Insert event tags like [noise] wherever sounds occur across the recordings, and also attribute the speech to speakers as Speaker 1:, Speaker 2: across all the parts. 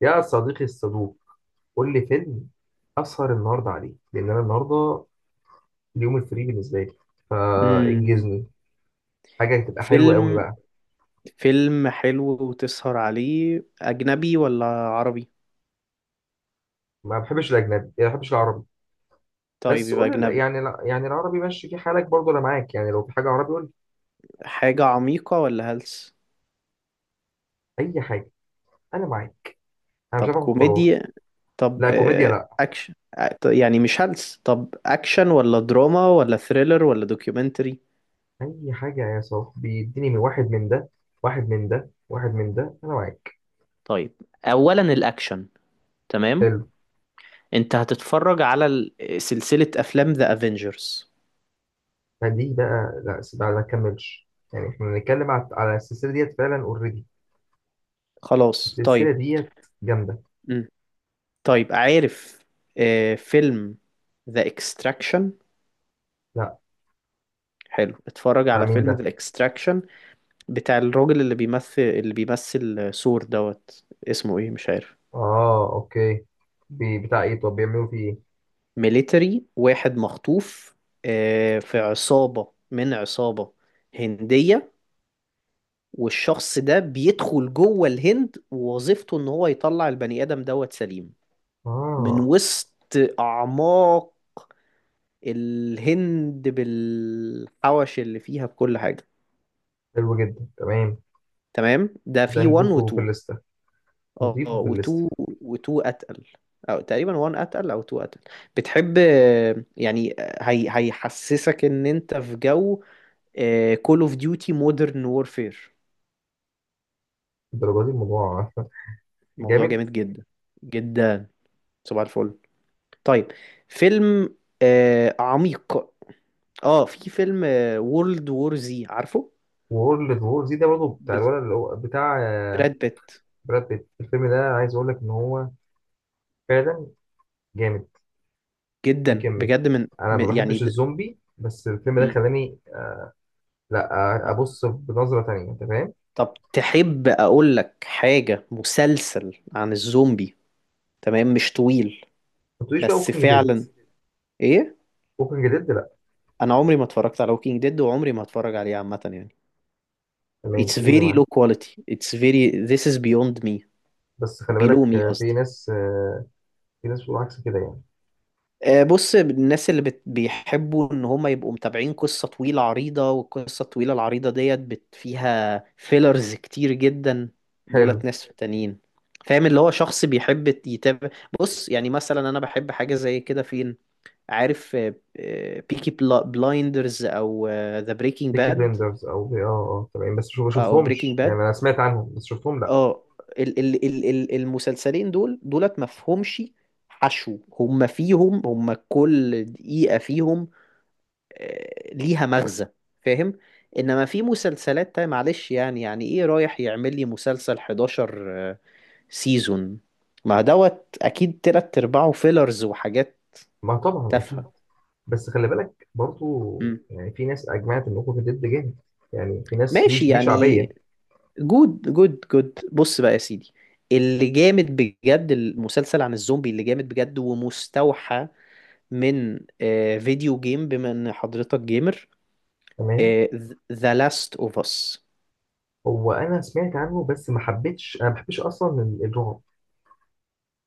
Speaker 1: يا صديقي الصدوق، قول لي فيلم أسهر النهاردة عليه لأن أنا النهاردة اليوم الفري بالنسبة لي،
Speaker 2: امم
Speaker 1: فإنجزني حاجة تبقى حلوة قوي
Speaker 2: فيلم
Speaker 1: بقى.
Speaker 2: فيلم حلو. وتسهر عليه أجنبي ولا عربي؟
Speaker 1: ما بحبش الأجنبي ما بحبش العربي.
Speaker 2: طيب،
Speaker 1: بس
Speaker 2: يبقى
Speaker 1: قول لي-
Speaker 2: أجنبي.
Speaker 1: يعني لا- يعني العربي ماشي في حالك برضه، أنا معاك، يعني لو في حاجة عربي قول
Speaker 2: حاجة عميقة ولا هلس؟
Speaker 1: لي أي حاجة، أنا معاك، أنا مش
Speaker 2: طب
Speaker 1: هاخد قرار.
Speaker 2: كوميديا. طب
Speaker 1: لا كوميديا لا،
Speaker 2: أكشن، يعني مش هلس. طب أكشن ولا دراما ولا ثريلر ولا دوكيومنتري؟
Speaker 1: أي حاجة يا صاحبي، اديني من واحد من ده، واحد من ده واحد من ده، أنا معاك.
Speaker 2: طيب، أولا الأكشن، تمام؟
Speaker 1: حلو.
Speaker 2: أنت هتتفرج على سلسلة أفلام ذا أفينجرز.
Speaker 1: فدي بقى لا بقى ما كملش، يعني احنا بنتكلم على السلسلة ديت فعلا اوريدي.
Speaker 2: خلاص
Speaker 1: السلسلة
Speaker 2: طيب.
Speaker 1: ديت جامدة.
Speaker 2: مم. طيب، عارف، فيلم ذا اكستراكشن؟
Speaker 1: لا.
Speaker 2: حلو، اتفرج
Speaker 1: بتاع
Speaker 2: على
Speaker 1: مين
Speaker 2: فيلم
Speaker 1: ده؟
Speaker 2: ذا اكستراكشن. بتاع الراجل اللي بيمثل سور دوت. اسمه ايه، مش عارف.
Speaker 1: اه اوكي. بي بتاع ايه؟ طب بيعملوا فيه ايه؟
Speaker 2: ميليتري واحد مخطوف، في عصابة من عصابة هندية. والشخص ده بيدخل جوه الهند، ووظيفته ان هو يطلع البني ادم دوت سليم من
Speaker 1: اه.
Speaker 2: وسط اعماق الهند بالحوش اللي فيها بكل حاجة.
Speaker 1: حلو جدا، تمام.
Speaker 2: تمام، ده
Speaker 1: ده
Speaker 2: في 1
Speaker 1: نضيفه في
Speaker 2: و2.
Speaker 1: الليستة،
Speaker 2: اه،
Speaker 1: نضيفه في الليستة.
Speaker 2: وتو اتقل، او تقريبا وان اتقل او تو اتقل. بتحب، يعني، هي هيحسسك ان انت في جو كول اوف ديوتي مودرن وورفير.
Speaker 1: الدرجة دي الموضوع [laughs]
Speaker 2: موضوع
Speaker 1: جامد.
Speaker 2: جامد جدا جدا. صباح الفل. طيب، فيلم عميق. اه في فيلم وورلد وور زي، عارفه،
Speaker 1: وورلد وور زي ده برضه بتاع
Speaker 2: ب-
Speaker 1: الولد اللي هو بتاع
Speaker 2: براد بيت.
Speaker 1: براد بيت. الفيلم ده عايز اقول لك ان هو فعلا جامد.
Speaker 2: جدا
Speaker 1: يمكن
Speaker 2: بجد،
Speaker 1: انا ما
Speaker 2: يعني،
Speaker 1: بحبش الزومبي بس الفيلم ده
Speaker 2: مم.
Speaker 1: خلاني. لا، ابص بنظرة تانية، انت فاهم.
Speaker 2: طب تحب اقول لك حاجة؟ مسلسل عن الزومبي، تمام، مش طويل
Speaker 1: ما تقوليش بقى
Speaker 2: بس
Speaker 1: ووكينج ديد.
Speaker 2: فعلا، ايه.
Speaker 1: ووكينج ديد لا.
Speaker 2: انا عمري ما اتفرجت على Walking Dead وعمري ما هتفرج عليه، عامة يعني.
Speaker 1: تمام،
Speaker 2: it's
Speaker 1: قول يا
Speaker 2: very
Speaker 1: معلم.
Speaker 2: low quality, it's very this is beyond me,
Speaker 1: بس خلي
Speaker 2: below
Speaker 1: بالك،
Speaker 2: me
Speaker 1: في
Speaker 2: قصدي.
Speaker 1: ناس، في ناس بتقول عكس كده يعني.
Speaker 2: بص، الناس اللي بيحبوا ان هم يبقوا متابعين قصة طويلة عريضة، والقصة الطويلة العريضة ديت فيها فيلرز كتير جدا. دولت
Speaker 1: حلو.
Speaker 2: ناس تانيين، فاهم؟ اللي هو شخص بيحب يتابع. بص، يعني مثلا انا بحب حاجة زي كده، فين، عارف، بيكي بلايندرز او ذا بريكنج
Speaker 1: بيكي
Speaker 2: باد
Speaker 1: بلندرز او بي، اه اه تمام، بس ما
Speaker 2: او بريكنج
Speaker 1: شفتهمش، يعني
Speaker 2: باد
Speaker 1: انا سمعت عنهم بس شفتهم لا.
Speaker 2: اه. المسلسلين دول دولت مفهومش حشو. هم فيهم، هم كل دقيقة فيهم ليها مغزى، فاهم. انما في مسلسلات تانية، معلش، يعني ايه، رايح يعمل لي مسلسل 11 سيزون؟ ما دوت اكيد تلات ارباعه فيلرز وحاجات
Speaker 1: ما طبعا اكيد.
Speaker 2: تافهة.
Speaker 1: بس خلي بالك برضو،
Speaker 2: مم.
Speaker 1: يعني في ناس اجمعت ان اوكي ضد جامد، يعني في ناس ليه
Speaker 2: ماشي
Speaker 1: ليه
Speaker 2: يعني.
Speaker 1: شعبيه.
Speaker 2: جود جود جود، بص بقى يا سيدي. اللي جامد بجد، المسلسل عن الزومبي اللي جامد بجد ومستوحى من فيديو جيم، بما ان حضرتك جيمر،
Speaker 1: تمام.
Speaker 2: آه، ذا لاست اوف اس.
Speaker 1: هو انا سمعت عنه بس ما حبيتش، انا ما بحبش اصلا الرعب،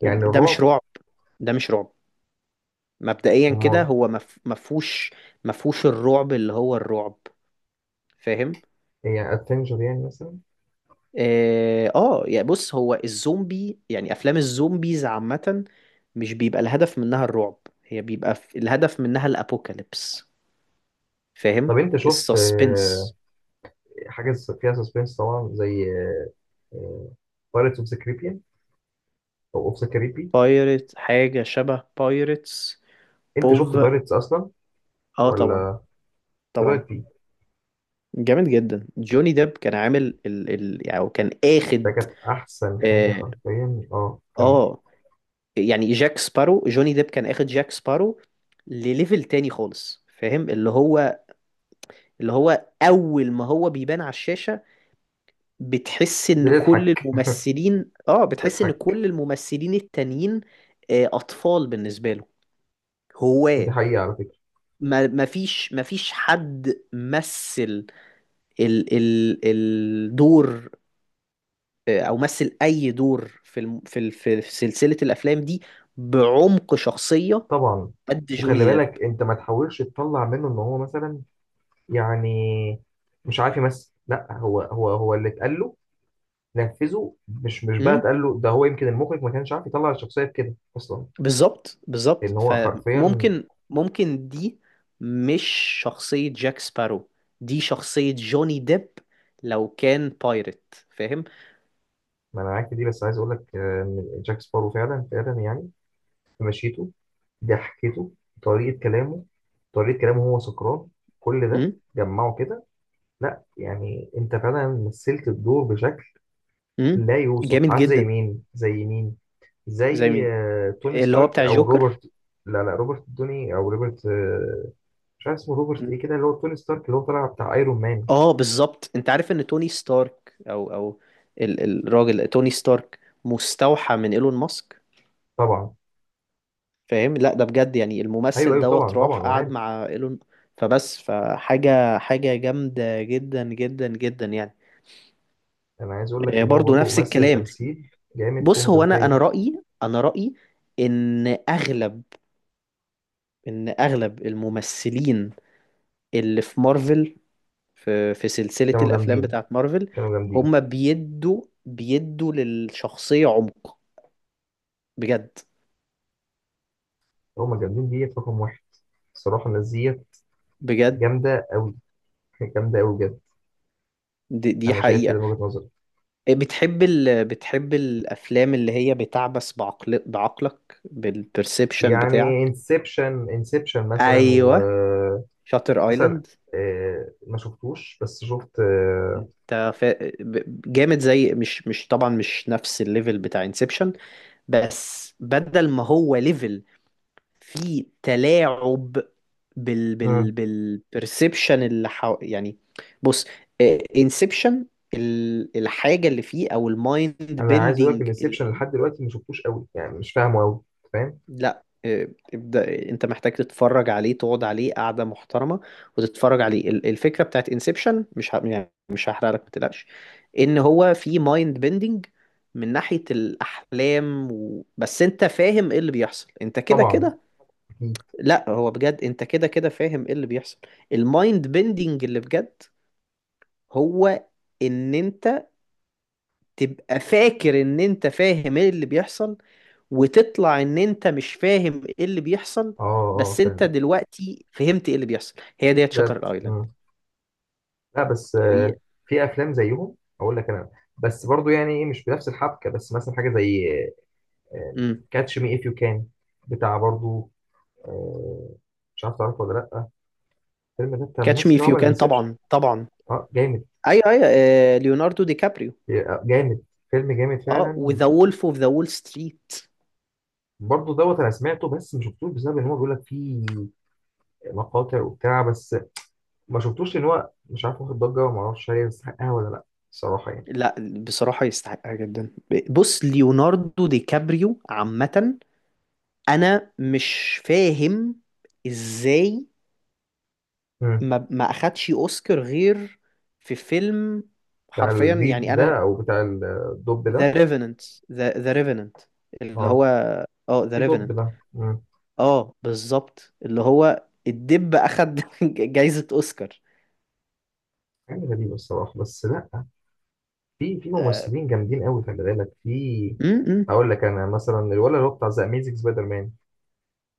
Speaker 1: يعني
Speaker 2: ده مش
Speaker 1: الرعب.
Speaker 2: رعب، ده مش رعب. مبدئيا كده
Speaker 1: امال.
Speaker 2: هو مفهوش الرعب اللي هو الرعب، فاهم.
Speaker 1: يعني ادفنجر يعني مثلا.
Speaker 2: اه، يعني بص، هو الزومبي، يعني افلام الزومبيز عامة مش بيبقى الهدف منها الرعب، هي بيبقى الهدف منها الابوكاليبس، فاهم.
Speaker 1: طب انت شفت
Speaker 2: السسبنس.
Speaker 1: حاجه فيها سسبنس طبعا، زي بايرتس اوف ذا كاريبيان او اوف ذا-
Speaker 2: بايرت، حاجة شبه بايرتس.
Speaker 1: انت شفت
Speaker 2: بوف.
Speaker 1: بايرتس اصلا
Speaker 2: اه، طبعا
Speaker 1: ولا؟ ايه
Speaker 2: طبعا،
Speaker 1: رايك فيه؟
Speaker 2: جامد جدا. جوني ديب كان عامل ال ال يعني، أو كان
Speaker 1: ده
Speaker 2: اخد.
Speaker 1: كانت احسن حاجه
Speaker 2: اه،
Speaker 1: حرفيا، اه كمل.
Speaker 2: آه، يعني جاك سبارو، جوني ديب كان اخد جاك سبارو لليفل تاني خالص، فاهم. اللي هو اول ما هو بيبان على الشاشة،
Speaker 1: بتضحك
Speaker 2: بتحس ان
Speaker 1: بتضحك.
Speaker 2: كل الممثلين التانيين اطفال بالنسبة له،
Speaker 1: ودي
Speaker 2: هواة.
Speaker 1: حقيقه على فكره.
Speaker 2: ما فيش حد مثل ال ال الدور، او مثل اي دور في الم في ال في في سلسلة الافلام دي، بعمق شخصية
Speaker 1: طبعا.
Speaker 2: قد
Speaker 1: وخلي
Speaker 2: جوني ديب.
Speaker 1: بالك انت ما تحاولش تطلع منه ان هو مثلا يعني مش عارف يمثل، لا هو هو اللي اتقال له نفذه، مش بقى
Speaker 2: امم
Speaker 1: اتقال له ده، هو يمكن المخرج ما كانش عارف يطلع الشخصيه بكده اصلا،
Speaker 2: بالظبط بالظبط،
Speaker 1: ان هو حرفيا.
Speaker 2: فممكن دي مش شخصية جاك سبارو، دي شخصية جوني ديب لو كان بايرت، فاهم.
Speaker 1: ما انا معاك في دي، بس عايز اقول لك ان جاك سبارو فعلا فعلا يعني في مشيته، ضحكته، طريقة كلامه، طريقة كلامه هو سكران، كل ده
Speaker 2: امم
Speaker 1: جمعه كده. لا يعني انت فعلا مثلت الدور بشكل
Speaker 2: امم
Speaker 1: لا يوصف،
Speaker 2: جامد
Speaker 1: عارف؟ زي
Speaker 2: جدا.
Speaker 1: مين، زي مين؟
Speaker 2: زي
Speaker 1: زي
Speaker 2: مين؟
Speaker 1: توني
Speaker 2: اللي هو
Speaker 1: ستارك
Speaker 2: بتاع
Speaker 1: او
Speaker 2: جوكر.
Speaker 1: روبرت. لا لا، روبرت دوني او روبرت، مش عارف اسمه، روبرت ايه كده، اللي هو توني ستارك اللي هو طالع بتاع ايرون مان.
Speaker 2: اه، بالظبط، انت عارف ان توني ستارك او الراجل توني ستارك مستوحى من ايلون ماسك،
Speaker 1: طبعا.
Speaker 2: فاهم. لا، ده بجد يعني
Speaker 1: ايوه
Speaker 2: الممثل
Speaker 1: ايوه طبعا
Speaker 2: دوت
Speaker 1: طبعا،
Speaker 2: راح
Speaker 1: انا
Speaker 2: قعد
Speaker 1: عارف.
Speaker 2: مع ايلون. فبس، فحاجة جامدة جدا جدا جدا يعني.
Speaker 1: انا عايز اقول لك ان هو
Speaker 2: برضو
Speaker 1: برضه
Speaker 2: نفس
Speaker 1: ممثل
Speaker 2: الكلام.
Speaker 1: تمثيل جامد فوق
Speaker 2: بص هو،
Speaker 1: ما
Speaker 2: انا
Speaker 1: تتخيل.
Speaker 2: رأيي، ان اغلب ان اغلب الممثلين اللي في مارفل، في سلسلة
Speaker 1: كانوا
Speaker 2: الافلام
Speaker 1: جامدين،
Speaker 2: بتاعت مارفل،
Speaker 1: كانوا جامدين.
Speaker 2: هم بيدوا للشخصية عمق بجد.
Speaker 1: هما جامدين ديت رقم واحد، الصراحة الناس ديت
Speaker 2: بجد،
Speaker 1: جامدة أوي. [laughs] جامدة أوي بجد.
Speaker 2: دي
Speaker 1: أنا شايف كده
Speaker 2: حقيقة.
Speaker 1: من وجهة نظري.
Speaker 2: إيه، بتحب بتحب الأفلام اللي هي بتعبث بعقلك، بالبرسبشن
Speaker 1: يعني
Speaker 2: بتاعك؟
Speaker 1: انسبشن انسبشن مثلا
Speaker 2: أيوة، شاتر
Speaker 1: ومثلا
Speaker 2: آيلاند.
Speaker 1: ما شفتوش بس شفت.
Speaker 2: انت جامد زي، مش طبعا، مش نفس الليفل بتاع انسبشن، بس بدل ما هو ليفل فيه تلاعب
Speaker 1: مم.
Speaker 2: بالبرسبشن اللي يعني. بص، انسبشن، الحاجة اللي فيه او المايند
Speaker 1: أنا عايز أقول لك
Speaker 2: بيندنج.
Speaker 1: الانسبشن لحد دلوقتي ما شفتوش أوي، يعني مش فاهمه أوي، فاهم؟
Speaker 2: لا، ابدأ، انت محتاج تتفرج عليه، تقعد عليه قعدة محترمة وتتفرج عليه. الفكرة بتاعت انسبشن مش يعني مش هحرق لك، ما تقلقش. ان هو في مايند بيندنج من ناحية الاحلام بس انت فاهم ايه اللي بيحصل انت كده
Speaker 1: طبعا
Speaker 2: كده.
Speaker 1: أكيد.
Speaker 2: لا، هو بجد انت كده كده فاهم ايه اللي بيحصل. المايند بيندنج اللي بجد هو ان انت تبقى فاكر ان انت فاهم ايه اللي بيحصل، وتطلع ان انت مش فاهم ايه اللي بيحصل.
Speaker 1: أه أه
Speaker 2: بس انت
Speaker 1: فاهم.
Speaker 2: دلوقتي فهمت ايه اللي بيحصل. هي ديت
Speaker 1: ده.
Speaker 2: شاتر ايلاند.
Speaker 1: مم. لا بس
Speaker 2: هي
Speaker 1: في أفلام زيهم أقول لك أنا، بس برضو يعني إيه مش بنفس الحبكة، بس مثلا حاجة زي
Speaker 2: امم
Speaker 1: كاتش مي اف يو كان، بتاع برضو، آه، مش عارف تعرفه ولا لا. الفيلم ده بتاع
Speaker 2: كاتش مي
Speaker 1: الممثل اللي
Speaker 2: اف يو
Speaker 1: عمل
Speaker 2: كان،
Speaker 1: انسبشن.
Speaker 2: طبعا طبعا،
Speaker 1: اه جامد.
Speaker 2: ايوه ايوه، ليوناردو دي كابريو.
Speaker 1: جامد، فيلم جامد
Speaker 2: اه،
Speaker 1: فعلا.
Speaker 2: وذا وولف اوف ذا وول ستريت.
Speaker 1: برضو دوت انا سمعته بس ما شفتوش، بسبب ان هو بيقول لك فيه مقاطع وبتاع بس، ما شفتوش لان هو مش عارف واخد ضجه، وما اعرفش هل يستحقها ولا لا، الصراحه يعني.
Speaker 2: لا، بصراحة يستحقها جدا. بص ليوناردو دي كابريو عامة، انا مش فاهم ازاي
Speaker 1: مم.
Speaker 2: ما اخدش اوسكار غير في فيلم،
Speaker 1: بتاع
Speaker 2: حرفيا
Speaker 1: الديب
Speaker 2: يعني
Speaker 1: ده
Speaker 2: انا.
Speaker 1: او بتاع الدب ده؟
Speaker 2: ذا ريفننت، ذا ريفننت اللي
Speaker 1: اه،
Speaker 2: هو، اه، ذا
Speaker 1: في دب
Speaker 2: ريفننت.
Speaker 1: ده. مم.
Speaker 2: اه، بالظبط، اللي هو الدب اخد [laughs] جايزة اوسكار.
Speaker 1: حاجه غريبه الصراحه، بس لا، في
Speaker 2: اه،
Speaker 1: ممثلين جامدين قوي خلي بالك، في
Speaker 2: م- م.
Speaker 1: هقول لك انا مثلا الولد اللي هو بتاع ذا اميزنج سبايدر مان،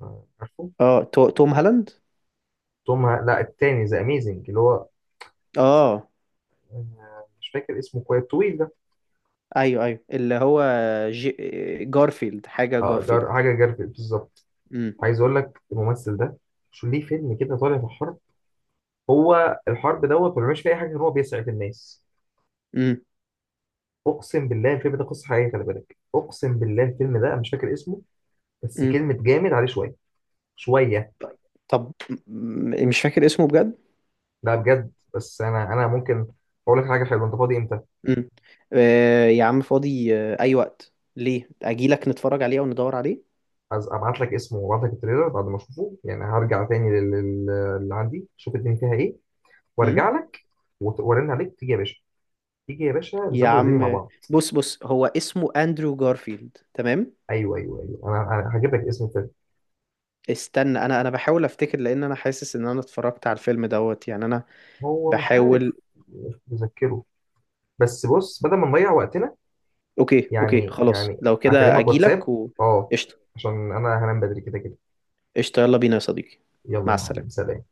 Speaker 1: عارفه؟
Speaker 2: آه، توم هالاند.
Speaker 1: توم لا التاني ذا اميزنج اللي هو
Speaker 2: اه،
Speaker 1: مش فاكر اسمه كويس، طويل ده.
Speaker 2: ايوه ايوه، اللي هو جي... جارفيلد، حاجة
Speaker 1: اه، جار
Speaker 2: جارفيلد.
Speaker 1: حاجه جارفيل بالظبط.
Speaker 2: امم
Speaker 1: عايز اقول لك الممثل ده شو ليه فيلم كده طالع في حرب، هو الحرب دوت ما بيعملش فيه اي حاجه غير هو بيسعف الناس.
Speaker 2: امم
Speaker 1: اقسم بالله الفيلم ده قصه حقيقيه، خلي بالك، اقسم بالله الفيلم ده. أنا مش فاكر اسمه بس كلمه جامد عليه شويه شويه.
Speaker 2: طب مش فاكر اسمه بجد.
Speaker 1: ده بجد، بس انا ممكن اقول لك حاجه حلوه، انت فاضي امتى؟
Speaker 2: امم آه يا عم، فاضي. آه اي وقت، ليه، اجيلك نتفرج عليه او ندور عليه.
Speaker 1: عايز ابعت لك اسمه وابعت لك التريلر بعد ما اشوفه، يعني هرجع تاني اللي عندي شوف الدنيا فيها ايه
Speaker 2: امم
Speaker 1: وارجع لك، وارن عليك، تيجي يا باشا، تيجي يا باشا
Speaker 2: يا
Speaker 1: نظبط الدنيا مع
Speaker 2: عم،
Speaker 1: بعض.
Speaker 2: بص بص، هو اسمه اندرو جارفيلد، تمام.
Speaker 1: ايوه ايوه ايوه، أنا هجيب لك اسم الفيلم.
Speaker 2: استنى، انا بحاول افتكر، لان انا حاسس ان انا اتفرجت على الفيلم دوت، يعني انا
Speaker 1: هو مش عارف،
Speaker 2: بحاول.
Speaker 1: مش متذكره، بس بص بدل ما نضيع وقتنا،
Speaker 2: اوكي اوكي
Speaker 1: يعني
Speaker 2: خلاص،
Speaker 1: يعني
Speaker 2: لو كده
Speaker 1: اكلمك واتساب.
Speaker 2: اجيلك و...
Speaker 1: اه.
Speaker 2: قشطه،
Speaker 1: عشان انا هنام بدري كده كده.
Speaker 2: قشطه، يلا بينا يا صديقي.
Speaker 1: يلا
Speaker 2: مع
Speaker 1: يا معلم،
Speaker 2: السلامه.
Speaker 1: سلام.